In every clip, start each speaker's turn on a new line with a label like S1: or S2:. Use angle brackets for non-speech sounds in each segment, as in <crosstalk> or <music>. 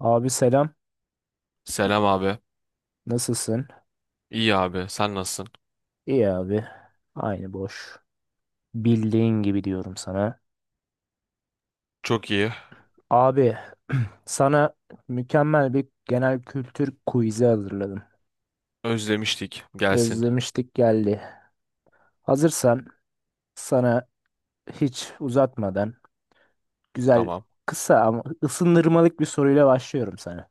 S1: Abi selam.
S2: Selam abi.
S1: Nasılsın?
S2: İyi abi. Sen nasılsın?
S1: İyi abi. Aynı boş. Bildiğin gibi diyorum sana.
S2: Çok iyi.
S1: Abi sana mükemmel bir genel kültür quiz'i hazırladım.
S2: Özlemiştik. Gelsin.
S1: Özlemiştik geldi. Hazırsan sana hiç uzatmadan güzel
S2: Tamam.
S1: kısa ama ısındırmalık bir soruyla başlıyorum sana.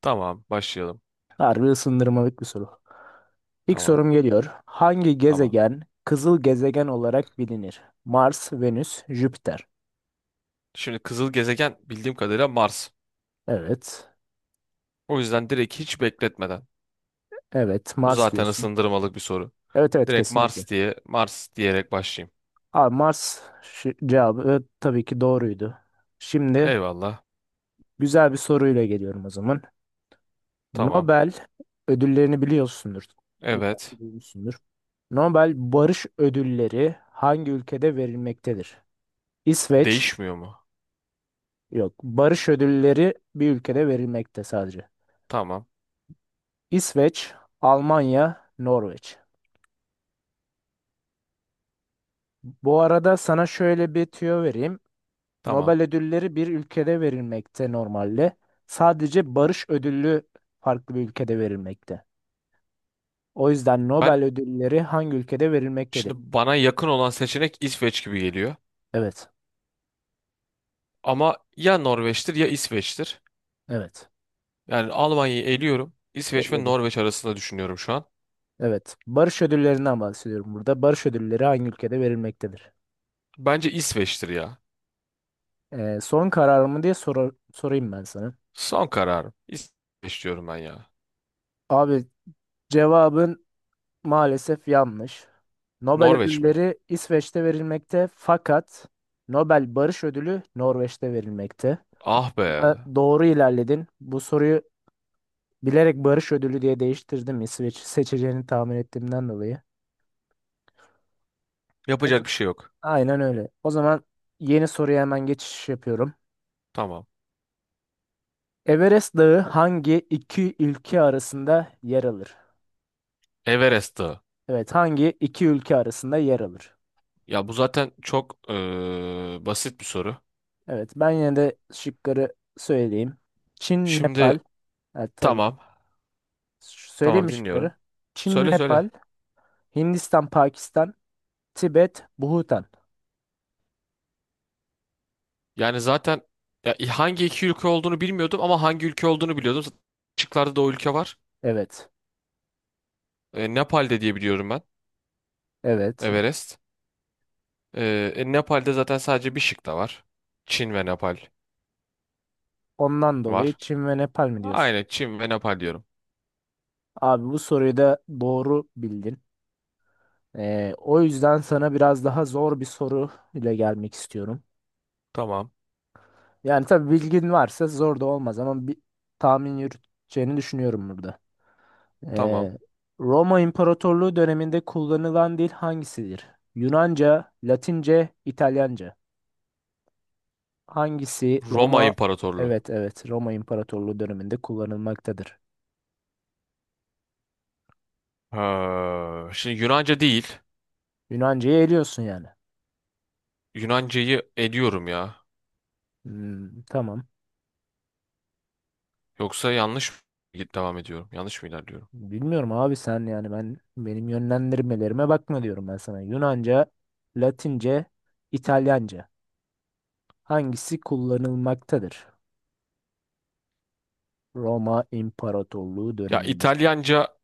S2: Tamam. Başlayalım.
S1: Harbi ısındırmalık bir soru. İlk
S2: Tamam.
S1: sorum geliyor. Hangi
S2: Tamam.
S1: gezegen kızıl gezegen olarak bilinir? Mars, Venüs, Jüpiter.
S2: Şimdi kızıl gezegen bildiğim kadarıyla Mars.
S1: Evet.
S2: O yüzden direkt hiç bekletmeden.
S1: Evet,
S2: Bu
S1: Mars
S2: zaten
S1: diyorsun.
S2: ısındırmalık bir soru.
S1: Evet, evet,
S2: Direkt
S1: kesinlikle.
S2: Mars diye Mars diyerek başlayayım.
S1: Abi Mars, cevabı tabii ki doğruydu. Şimdi
S2: Eyvallah.
S1: güzel bir soruyla geliyorum o zaman.
S2: Tamam.
S1: Nobel ödüllerini biliyorsundur. İlla ki
S2: Evet.
S1: duymuşsundur. Nobel Barış Ödülleri hangi ülkede verilmektedir? İsveç,
S2: Değişmiyor mu?
S1: yok. Barış Ödülleri bir ülkede verilmekte sadece.
S2: Tamam.
S1: İsveç, Almanya, Norveç. Bu arada sana şöyle bir tüyo vereyim.
S2: Tamam.
S1: Nobel ödülleri bir ülkede verilmekte normalde. Sadece barış ödülü farklı bir ülkede verilmekte. O yüzden
S2: Ben
S1: Nobel ödülleri hangi ülkede verilmektedir?
S2: şimdi bana yakın olan seçenek İsveç gibi geliyor.
S1: Evet,
S2: Ama ya Norveç'tir ya İsveç'tir.
S1: evet.
S2: Yani Almanya'yı eliyorum. İsveç ve
S1: Ekledim.
S2: Norveç arasında düşünüyorum şu an.
S1: Evet. Barış ödüllerinden bahsediyorum burada. Barış ödülleri hangi ülkede verilmektedir?
S2: Bence İsveç'tir ya.
S1: Son kararımı diye sorayım ben sana.
S2: Son kararım. İsveç diyorum ben ya.
S1: Abi cevabın maalesef yanlış. Nobel
S2: Norveç mi?
S1: ödülleri İsveç'te verilmekte, fakat Nobel Barış Ödülü Norveç'te verilmekte.
S2: Ah be.
S1: Doğru ilerledin. Bu soruyu bilerek barış ödülü diye değiştirdim, İsveç seçeceğini tahmin ettiğimden dolayı. O z-
S2: Yapacak bir şey yok.
S1: Aynen öyle. O zaman yeni soruya hemen geçiş yapıyorum.
S2: Tamam.
S1: Everest Dağı hangi iki ülke arasında yer alır?
S2: Everest Dağı.
S1: Evet, hangi iki ülke arasında yer alır?
S2: Ya bu zaten çok basit bir soru.
S1: Evet, ben yine de şıkları söyleyeyim. Çin, Nepal.
S2: Şimdi
S1: Evet, tabii.
S2: tamam.
S1: Söyleyeyim
S2: Tamam
S1: mi şıkları?
S2: dinliyorum.
S1: Çin,
S2: Söyle söyle.
S1: Nepal, Hindistan, Pakistan, Tibet, Bhutan.
S2: Yani zaten ya, hangi iki ülke olduğunu bilmiyordum ama hangi ülke olduğunu biliyordum. Zaten şıklarda da o ülke var.
S1: Evet,
S2: E, Nepal'de diye biliyorum ben.
S1: evet.
S2: Everest. Nepal'de zaten sadece bir şık da var. Çin ve Nepal
S1: Ondan dolayı
S2: var.
S1: Çin ve Nepal mi diyorsun?
S2: Aynen Çin ve Nepal diyorum.
S1: Abi bu soruyu da doğru bildin. O yüzden sana biraz daha zor bir soru ile gelmek istiyorum.
S2: Tamam,
S1: Yani tabii bilgin varsa zor da olmaz, ama bir tahmin yürüteceğini düşünüyorum burada.
S2: tamam.
S1: Ee, Roma İmparatorluğu döneminde kullanılan dil hangisidir? Yunanca, Latince, İtalyanca. Hangisi
S2: Roma
S1: Roma?
S2: İmparatorluğu.
S1: Evet, evet, Roma İmparatorluğu döneminde kullanılmaktadır.
S2: Ha, şimdi Yunanca değil.
S1: Yunanca'yı eliyorsun yani.
S2: Yunancayı ediyorum ya.
S1: Hmm, tamam.
S2: Yoksa yanlış mı devam ediyorum? Yanlış mı ilerliyorum?
S1: Bilmiyorum abi, sen yani ben, benim yönlendirmelerime bakma diyorum ben sana. Yunanca, Latince, İtalyanca. Hangisi kullanılmaktadır? Roma İmparatorluğu
S2: Ya
S1: döneminde.
S2: İtalyanca,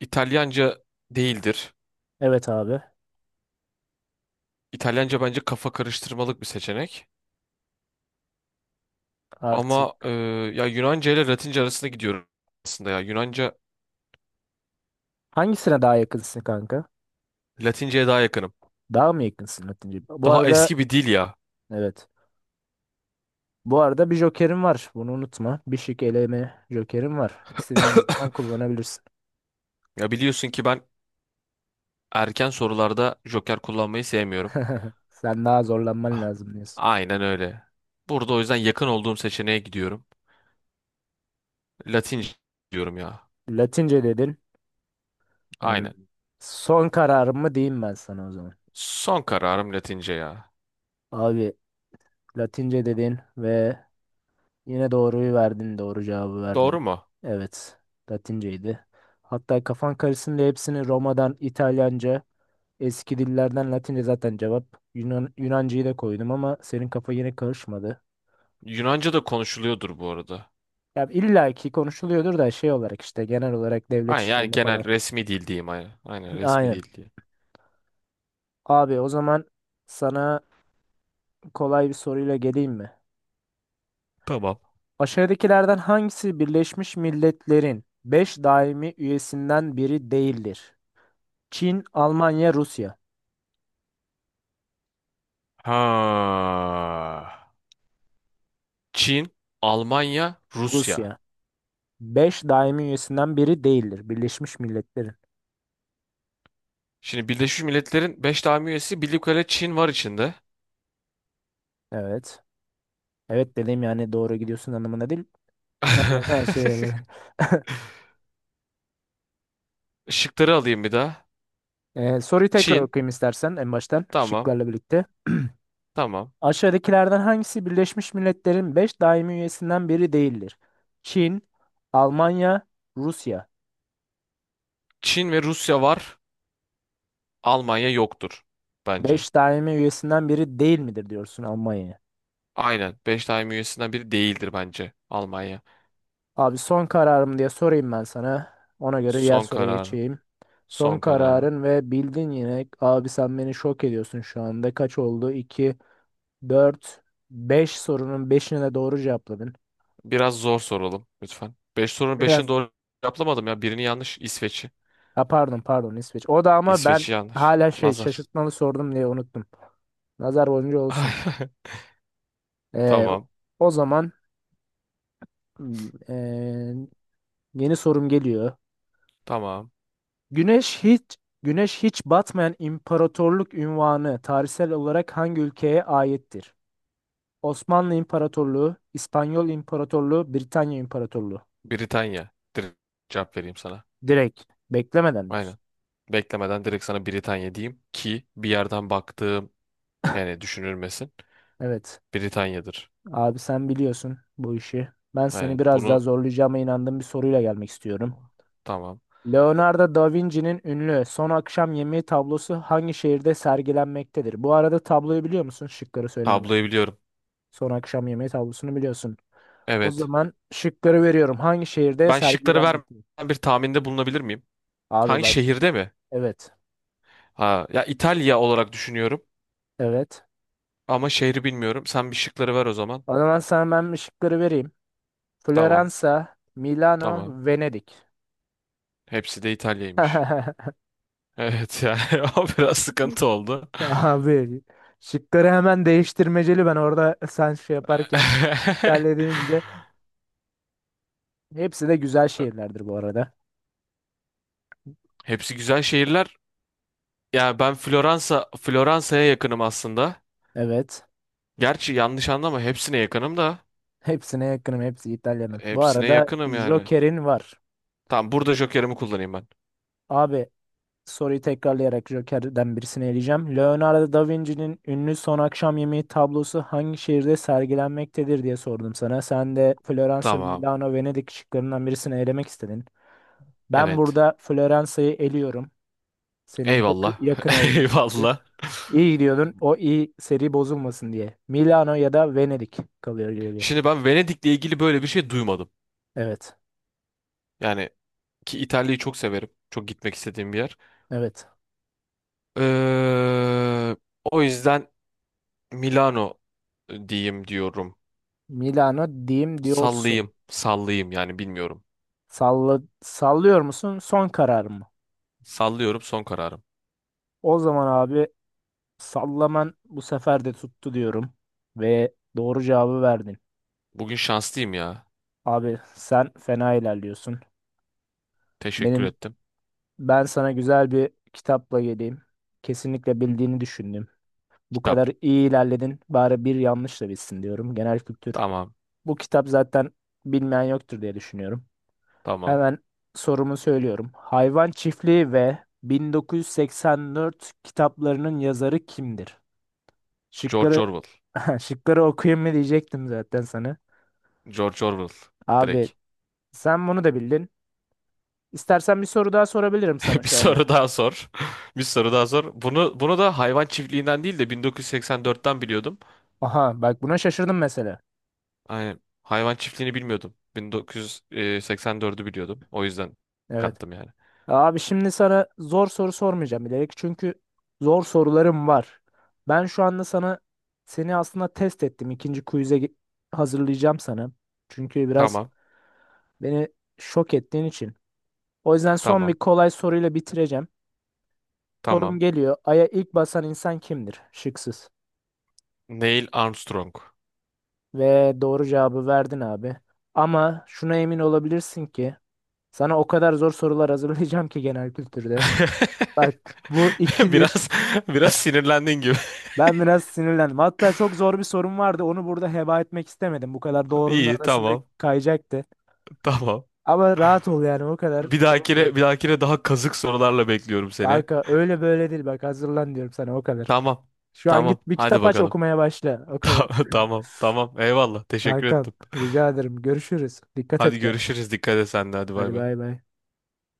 S2: İtalyanca değildir.
S1: Evet abi,
S2: İtalyanca bence kafa karıştırmalık bir seçenek.
S1: artık
S2: Ama ya Yunanca ile Latince arasında gidiyorum aslında ya. Yunanca,
S1: hangisine daha yakınsın kanka?
S2: Latince'ye daha yakınım.
S1: Daha mı yakınsın Latince? Bu
S2: Daha
S1: arada
S2: eski bir dil ya.
S1: evet. Bu arada bir jokerim var. Bunu unutma. Bir şık eleme jokerim var. İstediğin bir
S2: <laughs>
S1: zaman kullanabilirsin.
S2: Ya biliyorsun ki ben erken sorularda joker kullanmayı sevmiyorum.
S1: <laughs> Sen daha zorlanman
S2: Ah,
S1: lazım diyorsun.
S2: Aynen öyle. Burada o yüzden yakın olduğum seçeneğe gidiyorum. Latince diyorum ya.
S1: Latince dedin. Yani
S2: Aynen.
S1: son kararımı diyeyim ben sana o zaman.
S2: Son kararım Latince ya.
S1: Abi Latince dedin ve yine doğruyu verdin, doğru cevabı verdin.
S2: Doğru mu?
S1: Evet, Latinceydi. Hatta kafan karışsın diye hepsini Roma'dan, İtalyanca, eski dillerden Latince zaten cevap. Yunancayı da koydum ama senin kafa yine karışmadı.
S2: Yunanca da konuşuluyordur bu arada.
S1: Ya illa ki konuşuluyordur da, şey olarak işte genel olarak devlet
S2: Aynen yani
S1: işlerinde falan.
S2: genel resmi dil diyeyim aynen. Aynen
S1: <laughs>
S2: resmi
S1: Aynen.
S2: dil diye.
S1: Abi o zaman sana kolay bir soruyla geleyim mi?
S2: Tamam.
S1: Aşağıdakilerden hangisi Birleşmiş Milletler'in 5 daimi üyesinden biri değildir? Çin, Almanya, Rusya.
S2: Ha. Çin, Almanya, Rusya.
S1: Rusya, beş daimi üyesinden biri değildir Birleşmiş Milletler'in.
S2: Şimdi Birleşmiş Milletler'in 5 daimi üyesi bildiğim kadarıyla Çin var içinde.
S1: Evet. Evet dedim, yani doğru gidiyorsun anlamına değil. Ona anlama şey <laughs>
S2: <laughs>
S1: olarak.
S2: Şıkları alayım bir daha.
S1: Soruyu tekrar
S2: Çin.
S1: okuyayım istersen en baştan
S2: Tamam.
S1: şıklarla birlikte.
S2: Tamam.
S1: Aşağıdakilerden hangisi Birleşmiş Milletler'in 5 daimi üyesinden biri değildir? Çin, Almanya, Rusya.
S2: Çin ve Rusya var. Almanya yoktur bence.
S1: 5 daimi üyesinden biri değil midir diyorsun Almanya'ya.
S2: Aynen. Beş daim üyesinden biri değildir bence Almanya.
S1: Abi son kararım diye sorayım ben sana. Ona göre diğer
S2: Son
S1: soruya
S2: kararım.
S1: geçeyim. Son
S2: Son kararım.
S1: kararın ve bildin yine. Abi sen beni şok ediyorsun şu anda. Kaç oldu? 2, 4, 5 sorunun 5'ine de doğru cevapladın.
S2: Biraz zor soralım lütfen. Beş
S1: <laughs>
S2: sorunun beşini
S1: Biraz,
S2: doğru cevaplamadım ya. Birini yanlış. İsveç'i.
S1: ha, pardon pardon İsveç. O da, ama ben
S2: İsveç'i yanlış.
S1: hala şey,
S2: Nazar.
S1: şaşırtmalı sordum diye unuttum. Nazar boncuğu olsun.
S2: <laughs>
S1: Ee, o
S2: Tamam.
S1: o zaman hmm, ee, yeni sorum geliyor.
S2: Tamam.
S1: Güneş hiç Güneş hiç batmayan imparatorluk unvanı tarihsel olarak hangi ülkeye aittir? Osmanlı İmparatorluğu, İspanyol İmparatorluğu, Britanya İmparatorluğu.
S2: Britanya. Direkt cevap vereyim sana.
S1: Direkt beklemeden
S2: Aynen.
S1: diyorsun.
S2: Beklemeden direkt sana Britanya diyeyim ki bir yerden baktığım yani düşünülmesin.
S1: Evet.
S2: Britanya'dır.
S1: Abi sen biliyorsun bu işi. Ben seni
S2: Aynen.
S1: biraz daha
S2: Bunu
S1: zorlayacağıma inandığım bir soruyla gelmek istiyorum.
S2: tamam.
S1: Leonardo da Vinci'nin ünlü Son Akşam Yemeği tablosu hangi şehirde sergilenmektedir? Bu arada tabloyu biliyor musun? Şıkları söylemeden.
S2: Tabloyu biliyorum.
S1: Son Akşam Yemeği tablosunu biliyorsun. O
S2: Evet.
S1: zaman şıkları veriyorum. Hangi şehirde
S2: Ben şıkları
S1: sergilenmektedir?
S2: vermeden bir tahminde bulunabilir miyim?
S1: Abi
S2: Hangi
S1: bak.
S2: şehirde mi?
S1: Evet.
S2: Ha, ya İtalya olarak düşünüyorum
S1: Evet.
S2: ama şehri bilmiyorum. Sen bir şıkları ver o zaman.
S1: O zaman sana ben bir şıkları vereyim.
S2: Tamam.
S1: Floransa, Milano,
S2: Tamam.
S1: Venedik.
S2: Hepsi de İtalya'ymış.
S1: <laughs>
S2: Evet yani <laughs> o biraz sıkıntı oldu.
S1: Abi, şıkları hemen değiştirmeceli ben orada, sen şey yaparken İtalya deyince, hepsi de güzel
S2: <laughs>
S1: şehirlerdir bu arada.
S2: Hepsi güzel şehirler. Yani ben Floransa'ya yakınım aslında.
S1: Evet.
S2: Gerçi yanlış anlama hepsine yakınım da.
S1: Hepsine yakınım. Hepsi İtalya'nın. Bu
S2: Hepsine
S1: arada
S2: yakınım yani.
S1: Joker'in var.
S2: Tamam burada jokerimi kullanayım ben.
S1: Abi, soruyu tekrarlayarak Joker'den birisini eleyeceğim. Leonardo da Vinci'nin ünlü Son Akşam Yemeği tablosu hangi şehirde sergilenmektedir diye sordum sana. Sen de Floransa,
S2: Tamam.
S1: Milano, Venedik şıklarından birisini elemek istedin. Ben
S2: Evet.
S1: burada Floransa'yı eliyorum. Senin yakı-
S2: Eyvallah.
S1: yakın olduğun
S2: <laughs>
S1: şıkkı.
S2: Eyvallah.
S1: İyi gidiyordun. O iyi seri bozulmasın diye. Milano ya da Venedik kalıyor geriye.
S2: Şimdi ben Venedik'le ilgili böyle bir şey duymadım.
S1: Evet.
S2: Yani ki İtalya'yı çok severim. Çok gitmek istediğim bir yer.
S1: Evet.
S2: Ee, o yüzden Milano diyeyim diyorum.
S1: Milano diyeyim diyorsun.
S2: Sallayayım. Sallayayım yani bilmiyorum.
S1: Salla, sallıyor musun? Son karar mı?
S2: Sallıyorum son kararım.
S1: O zaman abi, sallaman bu sefer de tuttu diyorum ve doğru cevabı verdin.
S2: Bugün şanslıyım ya.
S1: Abi sen fena ilerliyorsun.
S2: Teşekkür
S1: Benim
S2: ettim.
S1: ben sana güzel bir kitapla geleyim. Kesinlikle bildiğini düşündüm. Bu
S2: Kitap.
S1: kadar iyi ilerledin. Bari bir yanlış da bilsin diyorum. Genel kültür.
S2: Tamam.
S1: Bu kitap zaten, bilmeyen yoktur diye düşünüyorum.
S2: Tamam.
S1: Hemen sorumu söylüyorum. Hayvan Çiftliği ve 1984 kitaplarının yazarı kimdir?
S2: George
S1: Şıkları
S2: Orwell.
S1: <laughs> şıkları okuyayım mı diyecektim zaten sana.
S2: George Orwell.
S1: Abi
S2: Direkt.
S1: sen bunu da bildin. İstersen bir soru daha sorabilirim sana
S2: <laughs> Bir
S1: şu
S2: soru
S1: anda.
S2: daha sor. <laughs> Bir soru daha sor. Bunu da hayvan çiftliğinden değil de 1984'ten biliyordum.
S1: Aha bak, buna şaşırdım mesela.
S2: Aynen. Hayvan çiftliğini bilmiyordum. 1984'ü biliyordum. O yüzden
S1: Evet.
S2: kattım yani.
S1: Abi şimdi sana zor soru sormayacağım bilerek, çünkü zor sorularım var. Ben şu anda sana, seni aslında test ettim. İkinci quiz'e hazırlayacağım sana. Çünkü biraz
S2: Tamam.
S1: beni şok ettiğin için. O yüzden son bir
S2: Tamam.
S1: kolay soruyla bitireceğim. Sorum
S2: Tamam.
S1: geliyor. Ay'a ilk basan insan kimdir? Şıksız.
S2: Neil Armstrong.
S1: Ve doğru cevabı verdin abi. Ama şuna emin olabilirsin ki sana o kadar zor sorular hazırlayacağım ki genel kültürde.
S2: <laughs>
S1: Bak, bu ikidir.
S2: Biraz biraz sinirlendin gibi.
S1: Ben biraz sinirlendim. Hatta çok zor bir sorum vardı. Onu burada heba etmek istemedim. Bu kadar
S2: <laughs>
S1: doğrunun
S2: İyi,
S1: arasında
S2: tamam.
S1: kayacaktı.
S2: Tamam.
S1: Ama rahat ol yani, o kadar. Onu diyorum.
S2: Bir dahakine daha kazık sorularla bekliyorum seni.
S1: Kanka öyle böyle değil, bak hazırlan diyorum sana o kadar.
S2: Tamam.
S1: Şu an git
S2: Tamam.
S1: bir
S2: Hadi
S1: kitap aç,
S2: bakalım.
S1: okumaya başla. O
S2: <laughs>
S1: kadar.
S2: Tamam. Tamam. Tamam. Eyvallah.
S1: <laughs>
S2: Teşekkür
S1: Kankam
S2: ettim.
S1: rica ederim. Görüşürüz. Dikkat et
S2: Hadi
S1: kendine.
S2: görüşürüz. Dikkat et sen de. Hadi bay
S1: Hadi
S2: bay.
S1: bay bay.